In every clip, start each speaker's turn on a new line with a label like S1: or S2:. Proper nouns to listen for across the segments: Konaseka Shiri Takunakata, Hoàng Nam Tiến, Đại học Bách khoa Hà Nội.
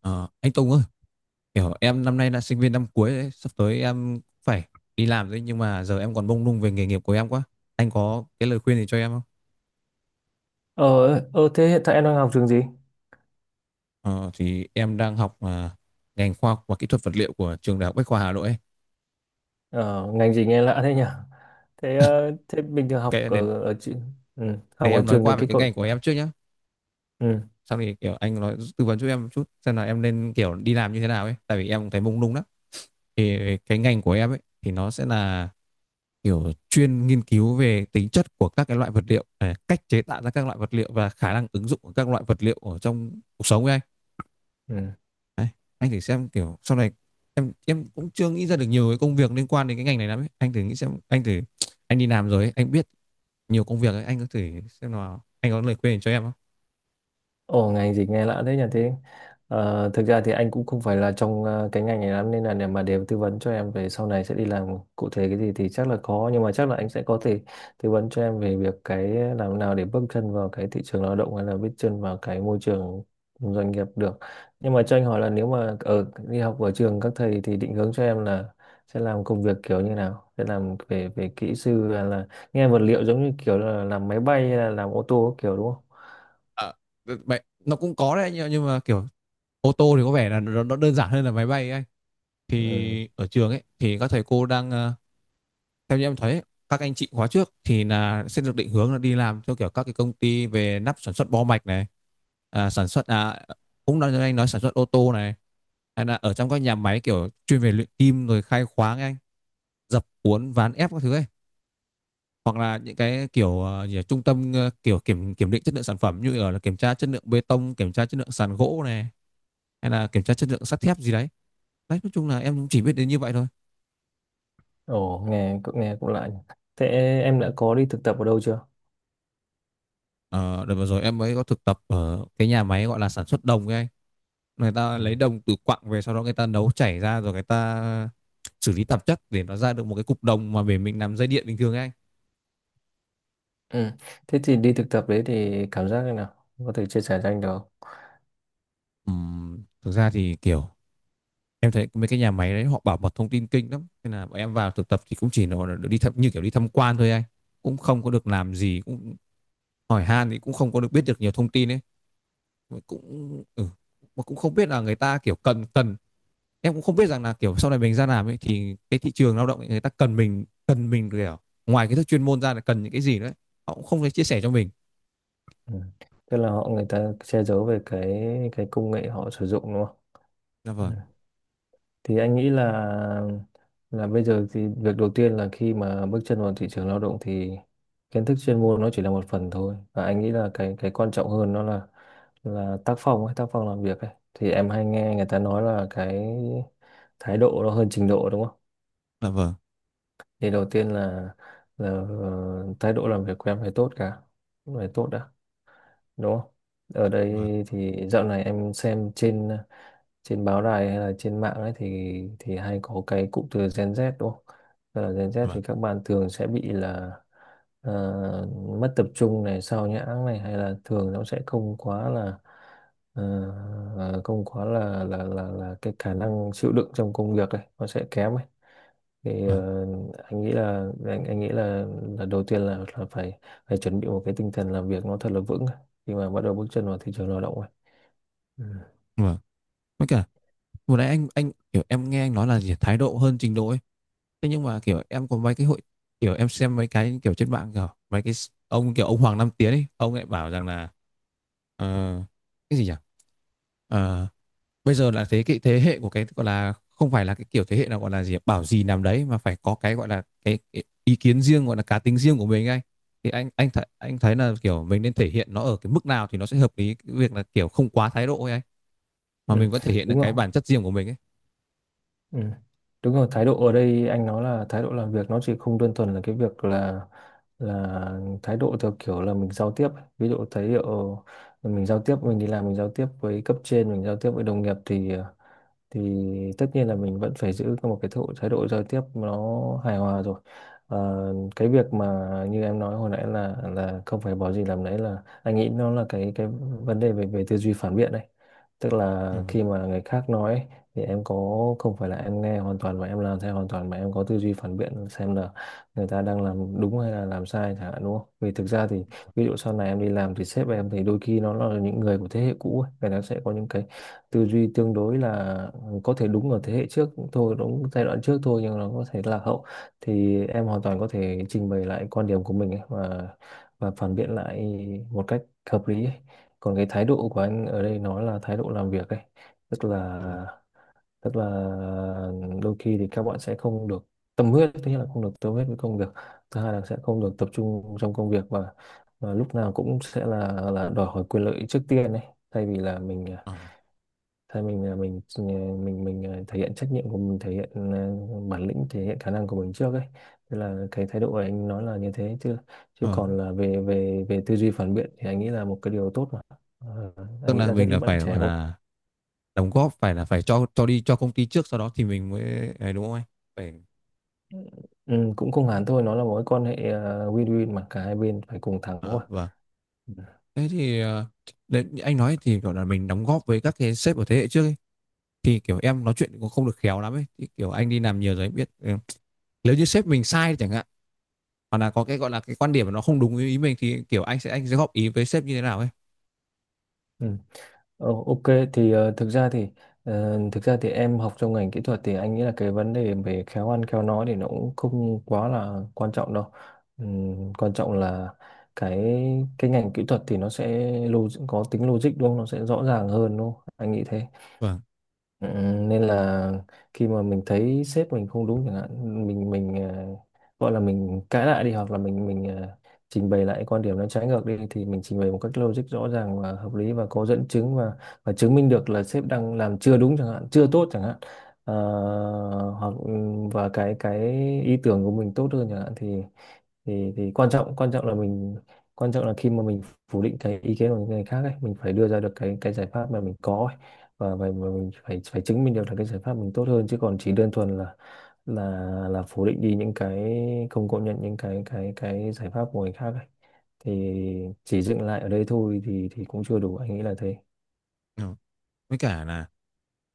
S1: Ờ, anh Tùng ơi, kiểu em năm nay là sinh viên năm cuối đấy, sắp tới em phải đi làm đấy nhưng mà giờ em còn mông lung về nghề nghiệp của em quá. Anh có cái lời khuyên gì cho em không?
S2: Ờ, Thế hiện tại em đang học trường gì?
S1: Ờ, thì em đang học ngành khoa học và kỹ thuật vật liệu của trường Đại học Bách khoa Hà Nội ấy.
S2: Ờ, Ngành gì nghe lạ thế nhỉ? Thế bình thường học
S1: Cái để,
S2: ở, ở chi- ừ,
S1: để
S2: học ở
S1: em nói
S2: trường thì
S1: qua về
S2: cái
S1: cái
S2: cậu.
S1: ngành của em trước nhá.
S2: Ừ,
S1: Sau thì kiểu anh nói tư vấn cho em một chút xem là em nên kiểu đi làm như thế nào ấy, tại vì em cũng thấy mông lung lắm. Thì cái ngành của em ấy thì nó sẽ là kiểu chuyên nghiên cứu về tính chất của các cái loại vật liệu, cách chế tạo ra các loại vật liệu và khả năng ứng dụng của các loại vật liệu ở trong cuộc sống ấy anh.
S2: ừ.
S1: Đấy, anh thử xem kiểu sau này em cũng chưa nghĩ ra được nhiều cái công việc liên quan đến cái ngành này lắm ấy. Anh thử nghĩ xem, anh đi làm rồi ấy, anh biết nhiều công việc ấy, anh có thử xem nào, anh có lời khuyên cho em không?
S2: Ồ, ngành gì nghe lạ thế nhỉ. Thế thực ra thì anh cũng không phải là trong cái ngành này lắm, nên là để tư vấn cho em về sau này sẽ đi làm cụ thể cái gì thì chắc là khó, nhưng mà chắc là anh sẽ có thể tư vấn cho em về việc cái làm nào để bước chân vào cái thị trường lao động hay là bước chân vào cái môi trường doanh nghiệp được. Nhưng mà cho anh hỏi là nếu mà ở đi học ở trường các thầy thì định hướng cho em là sẽ làm công việc kiểu như nào, sẽ làm về về kỹ sư hay là nghe vật liệu, giống như kiểu là làm máy bay hay là làm ô tô kiểu, đúng không?
S1: Ờ, Vậy nó cũng có đấy, nhưng mà kiểu ô tô thì có vẻ là nó đơn giản hơn là máy bay ấy anh.
S2: Ừ.
S1: Thì ở trường ấy thì các thầy cô đang theo như em thấy, các anh chị khóa trước thì là sẽ được định hướng là đi làm theo kiểu các cái công ty về nắp sản xuất bo mạch này, sản xuất, cũng nói anh nói sản xuất ô tô này, hay là ở trong các nhà máy kiểu chuyên về luyện kim rồi khai khoáng anh, dập uốn ván ép các thứ ấy, hoặc là những cái kiểu gì nhỉ, trung tâm kiểu kiểm kiểm định chất lượng sản phẩm như ở là kiểm tra chất lượng bê tông, kiểm tra chất lượng sàn gỗ này, hay là kiểm tra chất lượng sắt thép gì đấy. Đấy, nói chung là em cũng chỉ biết đến như vậy thôi.
S2: Ồ, nghe cũng lạ nhỉ. Thế em đã có đi thực tập ở đâu chưa?
S1: Ờ, Đợt vừa rồi em mới có thực tập ở cái nhà máy gọi là sản xuất đồng ấy anh. Người ta
S2: Ừ.
S1: lấy đồng từ quặng về, sau đó người ta nấu chảy ra rồi người ta xử lý tạp chất để nó ra được một cái cục đồng mà để mình làm dây điện bình thường ấy anh.
S2: Ừ. Thế thì đi thực tập đấy thì cảm giác thế nào? Có thể chia sẻ cho anh được không?
S1: Thực ra thì kiểu em thấy mấy cái nhà máy đấy họ bảo mật thông tin kinh lắm, nên là bọn em vào thực tập thì cũng chỉ là đi thăm như kiểu đi tham quan thôi anh, cũng không có được làm gì, cũng hỏi han thì cũng không có được biết được nhiều thông tin ấy, cũng ừ, mà cũng không biết là người ta kiểu cần cần em cũng không biết rằng là kiểu sau này mình ra làm ấy thì cái thị trường lao động ấy, người ta cần mình kiểu ngoài kiến thức chuyên môn ra là cần những cái gì nữa, họ cũng không thể chia sẻ cho mình.
S2: Ừ. Tức là họ, người ta che giấu về cái công nghệ họ sử dụng đúng không?
S1: Dạ
S2: Ừ.
S1: vâng.
S2: Thì anh nghĩ là bây giờ thì việc đầu tiên là khi mà bước chân vào thị trường lao động thì kiến thức chuyên môn nó chỉ là một phần thôi, và anh nghĩ là cái quan trọng hơn nó là tác phong ấy, tác phong làm việc ấy. Thì em hay nghe người ta nói là cái thái độ nó hơn trình độ, đúng không?
S1: Dạ vâng.
S2: Thì đầu tiên là thái độ làm việc của em phải tốt, cả phải tốt đã, đúng không? Ở
S1: Dạ vâng.
S2: đây thì dạo này em xem trên trên báo đài hay là trên mạng ấy, thì hay có cái cụm từ Gen Z đúng không? Tức là Gen Z
S1: Dạ
S2: thì các bạn thường sẽ bị là ờ, mất tập trung này, sao nhãng này, hay là thường nó sẽ không quá là ờ, không quá là cái khả năng chịu đựng trong công việc ấy nó sẽ kém ấy.
S1: vâng.
S2: Thì
S1: Dạ vâng.
S2: ờ, anh nghĩ là là đầu tiên là phải, chuẩn bị một cái tinh thần làm việc nó thật là vững khi mà bắt đầu bước chân vào thị trường lao động ấy. Ừ.
S1: Dạ vâng. Với cả vừa nãy anh kiểu em nghe anh nói là gì, thái độ hơn trình độ ấy, thế nhưng mà kiểu em có mấy cái hội, kiểu em xem mấy cái kiểu trên mạng, kiểu mấy cái ông, kiểu ông Hoàng Nam Tiến ấy, ông lại bảo rằng là, ờ, cái gì nhỉ. Ờ, Bây giờ là thế cái thế hệ của cái gọi là không phải là cái kiểu thế hệ nào gọi là gì bảo gì làm đấy mà phải có cái gọi là cái ý kiến riêng gọi là cá tính riêng của mình anh. Thì anh thấy là kiểu mình nên thể hiện nó ở cái mức nào thì nó sẽ hợp lý, cái việc là kiểu không quá thái độ ấy anh, mà
S2: Ừ.
S1: mình vẫn thể hiện được
S2: Đúng
S1: cái
S2: không?
S1: bản chất riêng của mình ấy.
S2: Ừ. Đúng rồi, thái độ ở đây anh nói là thái độ làm việc, nó chỉ không đơn thuần là cái việc là thái độ theo kiểu là mình giao tiếp ấy. Ví dụ thái độ mình giao tiếp, mình đi làm mình giao tiếp với cấp trên, mình giao tiếp với đồng nghiệp thì thì tất nhiên là mình vẫn phải giữ một cái thái độ giao tiếp nó hài hòa rồi. Cái việc mà như em nói hồi nãy là không phải bỏ gì làm nấy, là anh nghĩ nó là cái vấn đề về về tư duy phản biện đấy. Tức là
S1: Ừ.
S2: khi mà người khác nói ấy, thì em có, không phải là em nghe hoàn toàn và em làm theo hoàn toàn, mà em có tư duy phản biện xem là người ta đang làm đúng hay là làm sai chẳng hạn, đúng không? Vì thực ra thì, ví dụ sau này em đi làm thì sếp em thì đôi khi nó là những người của thế hệ cũ ấy. Người ta sẽ có những cái tư duy tương đối là có thể đúng ở thế hệ trước thôi, đúng giai đoạn trước thôi, nhưng nó có thể lạc hậu. Thì em hoàn toàn có thể trình bày lại quan điểm của mình ấy, và phản biện lại một cách hợp lý ấy. Còn cái thái độ của anh ở đây nó là thái độ làm việc ấy. tức là
S1: Ừ.
S2: tức là đôi khi thì các bạn sẽ không được tâm huyết, thứ nhất là không được tâm huyết với công việc, thứ hai là sẽ không được tập trung trong công việc, và lúc nào cũng sẽ là đòi hỏi quyền lợi trước tiên ấy, thay vì là mình.
S1: Ừ.
S2: Thế mình thể hiện trách nhiệm của mình, thể hiện bản lĩnh, thể hiện khả năng của mình trước ấy. Thế là cái thái độ của anh nói là như thế, chứ chứ
S1: Ừ.
S2: còn là về về về tư duy phản biện thì anh nghĩ là một cái điều tốt mà. Ờ, anh
S1: Tức
S2: nghĩ
S1: là
S2: là rất
S1: mình
S2: ít
S1: là
S2: bạn
S1: phải
S2: trẻ
S1: gọi
S2: có.
S1: là đóng góp, phải là phải cho đi cho công ty trước, sau đó thì mình mới ấy, đúng không anh? Phải.
S2: Ừ, cũng không
S1: Ừ.
S2: hẳn thôi, nó là mối quan hệ win-win, mà cả hai bên phải cùng thắng
S1: À,
S2: mà.
S1: vâng.
S2: Ừ.
S1: Thế thì đấy, anh nói thì gọi là mình đóng góp với các cái sếp ở thế hệ trước ấy. Thì kiểu em nói chuyện cũng không được khéo lắm ấy, thì kiểu anh đi làm nhiều rồi anh biết ừ. Nếu như sếp mình sai chẳng hạn, hoặc là có cái gọi là cái quan điểm mà nó không đúng ý mình, thì kiểu anh sẽ góp ý với sếp như thế nào ấy?
S2: Ừ. Ok, thì thực ra thì em học trong ngành kỹ thuật thì anh nghĩ là cái vấn đề về khéo ăn khéo nói thì nó cũng không quá là quan trọng đâu. Quan trọng là cái cái ngành kỹ thuật thì nó sẽ có tính logic đúng không? Nó sẽ rõ ràng hơn đúng không? Anh nghĩ thế.
S1: Vâng.
S2: Ừ, nên là khi mà mình thấy sếp mình không đúng chẳng hạn, gọi là mình cãi lại đi, hoặc là trình bày lại quan điểm nó trái ngược đi, thì mình trình bày một cách logic, rõ ràng và hợp lý và có dẫn chứng, và chứng minh được là sếp đang làm chưa đúng chẳng hạn, chưa tốt chẳng hạn. Ờ, hoặc ừ, và cái ý tưởng của mình tốt hơn chẳng hạn, thì quan trọng, quan trọng là mình quan trọng là khi mà mình phủ định cái ý kiến của những người khác ấy, mình phải đưa ra được cái giải pháp mà mình có ấy. Và mình phải phải chứng minh được là cái giải pháp mình tốt hơn, chứ còn chỉ đơn thuần là là phủ định đi những cái, không công nhận những cái giải pháp của người khác ấy, thì chỉ dừng lại ở đây thôi thì cũng chưa đủ, anh nghĩ là thế.
S1: Ừ. Với cả là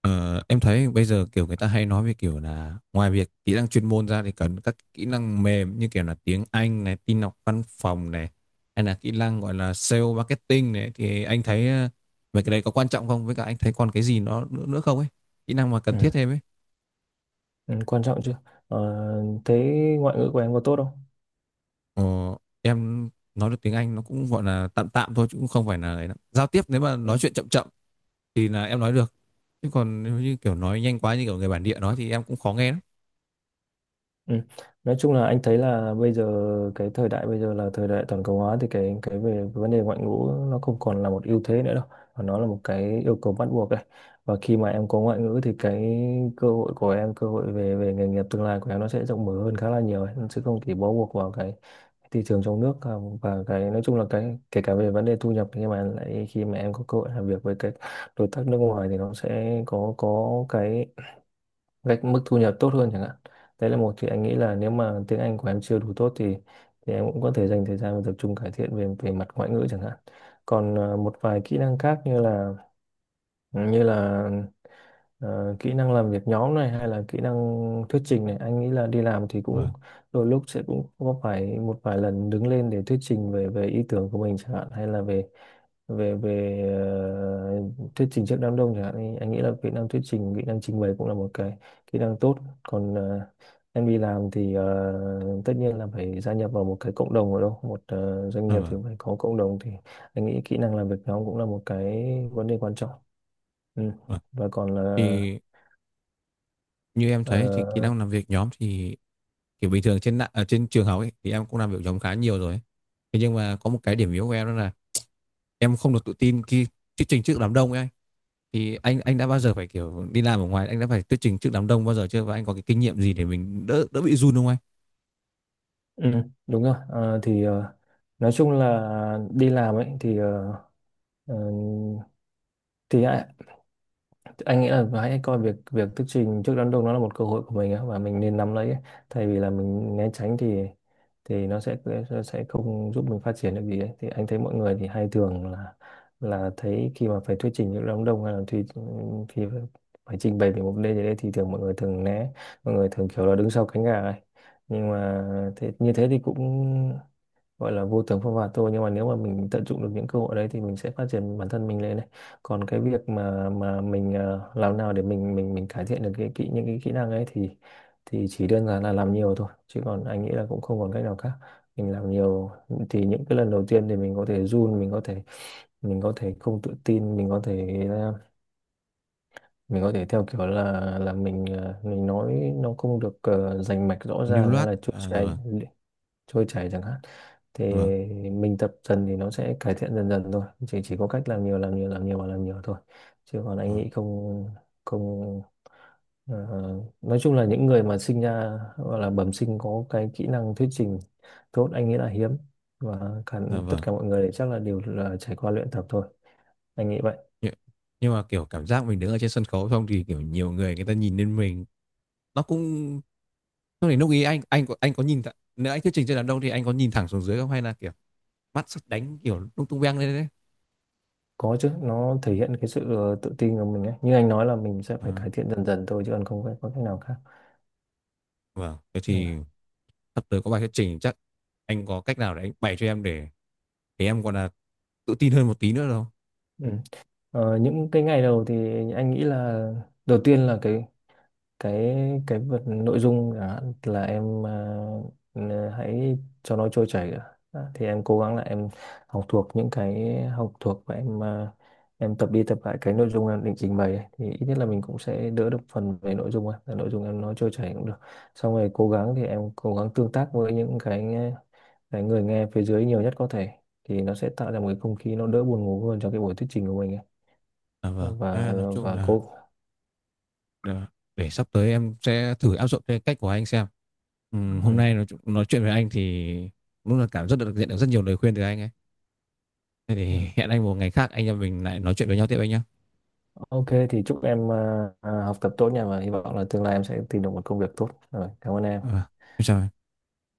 S1: em thấy bây giờ kiểu người ta hay nói về kiểu là ngoài việc kỹ năng chuyên môn ra thì cần các kỹ năng mềm như kiểu là tiếng Anh này, tin học văn phòng này, hay là kỹ năng gọi là sale marketing này, thì anh thấy mấy cái đấy có quan trọng không, với cả anh thấy còn cái gì nó nữa không ấy, kỹ năng mà
S2: Ừ.
S1: cần thiết thêm ấy.
S2: Ừ, quan trọng chứ. ờ, Thế ngoại ngữ của em có tốt không?
S1: Ờ, em nói được tiếng Anh nó cũng gọi là tạm tạm thôi chứ cũng không phải là ấy lắm. Giao tiếp nếu mà nói chuyện chậm chậm thì là em nói được. Chứ còn nếu như kiểu nói nhanh quá như kiểu người bản địa nói thì em cũng khó nghe lắm.
S2: Ừ. Nói chung là anh thấy là bây giờ cái thời đại bây giờ là thời đại toàn cầu hóa, thì cái về vấn đề ngoại ngữ nó không còn là một ưu thế nữa đâu, mà nó là một cái yêu cầu bắt buộc đấy. Và khi mà em có ngoại ngữ thì cái cơ hội của em, cơ hội về về nghề nghiệp tương lai của em nó sẽ rộng mở hơn khá là nhiều ấy. Nó sẽ không chỉ bó buộc vào cái thị trường trong nước và cái nói chung là cái kể cả về vấn đề thu nhập. Nhưng mà lại khi mà em có cơ hội làm việc với các đối tác nước ngoài thì nó sẽ có cái gạch mức thu nhập tốt hơn chẳng hạn. Đấy là một. Thì anh nghĩ là nếu mà tiếng Anh của em chưa đủ tốt thì em cũng có thể dành thời gian và tập trung cải thiện về về mặt ngoại ngữ chẳng hạn. Còn một vài kỹ năng khác như là như là kỹ năng làm việc nhóm này hay là kỹ năng thuyết trình này, anh nghĩ là đi làm thì cũng
S1: Vâng.
S2: đôi lúc sẽ cũng có phải một vài lần đứng lên để thuyết trình về về ý tưởng của mình chẳng hạn, hay là về về về ờ, thuyết trình trước đám đông chẳng hạn, thì anh nghĩ là kỹ năng thuyết trình, kỹ năng trình bày cũng là một cái kỹ năng tốt. Còn em đi làm thì tất nhiên là phải gia nhập vào một cái cộng đồng, ở đâu một doanh
S1: À,
S2: nghiệp thì
S1: vâng.
S2: phải có cộng đồng, thì anh nghĩ kỹ năng làm việc nhóm cũng là một cái vấn đề quan trọng. Ừ.
S1: Vâng.
S2: Và còn là
S1: Thì như em thấy thì kỹ năng
S2: ờ,
S1: làm việc nhóm thì kiểu bình thường ở trên trường học ấy thì em cũng làm việc nhóm khá nhiều rồi ấy. Thế nhưng mà có một cái điểm yếu của em đó là em không được tự tin khi thuyết trình trước đám đông ấy anh. Thì anh đã bao giờ phải kiểu đi làm ở ngoài, anh đã phải thuyết trình trước đám đông bao giờ chưa, và anh có cái kinh nghiệm gì để mình đỡ đỡ bị run không anh?
S2: ừ, đúng rồi. Nói chung là đi làm ấy thì ờ, thì ai- anh nghĩ là hãy coi việc việc thuyết trình trước đám đông nó là một cơ hội của mình á, và mình nên nắm lấy ấy. Thay vì là mình né tránh thì thì nó sẽ nó sẽ không giúp mình phát triển được gì ấy. Thì anh thấy mọi người thì hay thường là thấy khi mà phải thuyết trình trước đám đông, hay là thì khi phải phải trình bày về một vấn đề gì đấy thì thường mọi người thường kiểu là đứng sau cánh gà ấy. Nhưng mà như thế thì cũng gọi là vô tướng phong phạt thôi. Nhưng mà nếu mà mình tận dụng được những cơ hội đấy thì mình sẽ phát triển bản thân mình lên này. Còn cái việc mà làm nào để mình cải thiện được cái kỹ những cái kỹ năng ấy thì chỉ đơn giản là làm nhiều thôi, chứ còn anh nghĩ là cũng không còn cách nào khác. Mình làm nhiều thì những cái lần đầu tiên thì mình có thể run, mình có thể không tự tin, mình có thể theo kiểu là mình nói nó không được, rành mạch rõ
S1: Lưu
S2: ràng hay
S1: loát.
S2: là
S1: À, dạ vâng.
S2: trôi chảy chẳng hạn. Thì
S1: Dạ vâng.
S2: mình tập dần thì nó sẽ cải thiện dần dần thôi, chỉ có cách làm nhiều, làm nhiều, làm nhiều và làm nhiều thôi. Chứ còn anh
S1: ờ,
S2: nghĩ không, không, ờ, nói chung là những người mà sinh ra gọi là bẩm sinh có cái kỹ năng thuyết trình tốt, anh nghĩ là hiếm. Và cả
S1: dạ
S2: tất
S1: vâng.
S2: cả mọi người chắc là đều là trải qua luyện tập thôi, anh nghĩ vậy.
S1: nhưng, nhưng mà kiểu cảm giác mình đứng ở trên sân khấu xong thì kiểu nhiều người, người ta nhìn lên mình nó cũng, lúc ý anh có nhìn thẳng- nếu anh thuyết trình trên đám đông thì anh có nhìn thẳng xuống dưới không, hay là kiểu mắt sắp đánh kiểu lung tung beng lên đấy?
S2: Có chứ, nó thể hiện cái sự tự tin của mình ấy. Như anh nói là mình sẽ phải
S1: À,
S2: cải thiện dần dần thôi, chứ còn không phải có cách nào khác.
S1: vâng. Thế
S2: Ừ.
S1: thì sắp tới có bài thuyết trình chắc, anh có cách nào để anh bày cho em để em còn là tự tin hơn một tí nữa đâu.
S2: Ừ. Những cái ngày đầu thì anh nghĩ là đầu tiên là cái cái vật nội dung chẳng hạn, là em hãy cho nó trôi chảy đã. Đã, thì em cố gắng là em học thuộc, và em tập đi tập lại cái nội dung em định trình bày ấy. Thì ít nhất là mình cũng sẽ đỡ được phần về nội dung ấy. Là nội dung em nói trôi chảy cũng được. Xong rồi cố gắng tương tác với những cái người nghe phía dưới nhiều nhất có thể, thì nó sẽ tạo ra một cái không khí nó đỡ buồn ngủ hơn cho cái buổi thuyết trình của mình ấy.
S1: À, vâng.
S2: Và
S1: À, nói chung
S2: và cô.
S1: là để sắp tới em sẽ thử áp dụng cái cách của anh xem. Hôm
S2: Ừ.
S1: nay nói chuyện với anh thì đúng là rất được nhận được rất nhiều lời khuyên từ anh ấy. Thế
S2: Ừ.
S1: thì hẹn anh một ngày khác anh em mình lại nói chuyện với nhau tiếp anh nhé.
S2: Ok thì chúc em học tập tốt nha, và hy vọng là tương lai em sẽ tìm được một công việc tốt, rồi cảm ơn
S1: Ờ,
S2: em.
S1: em chào anh.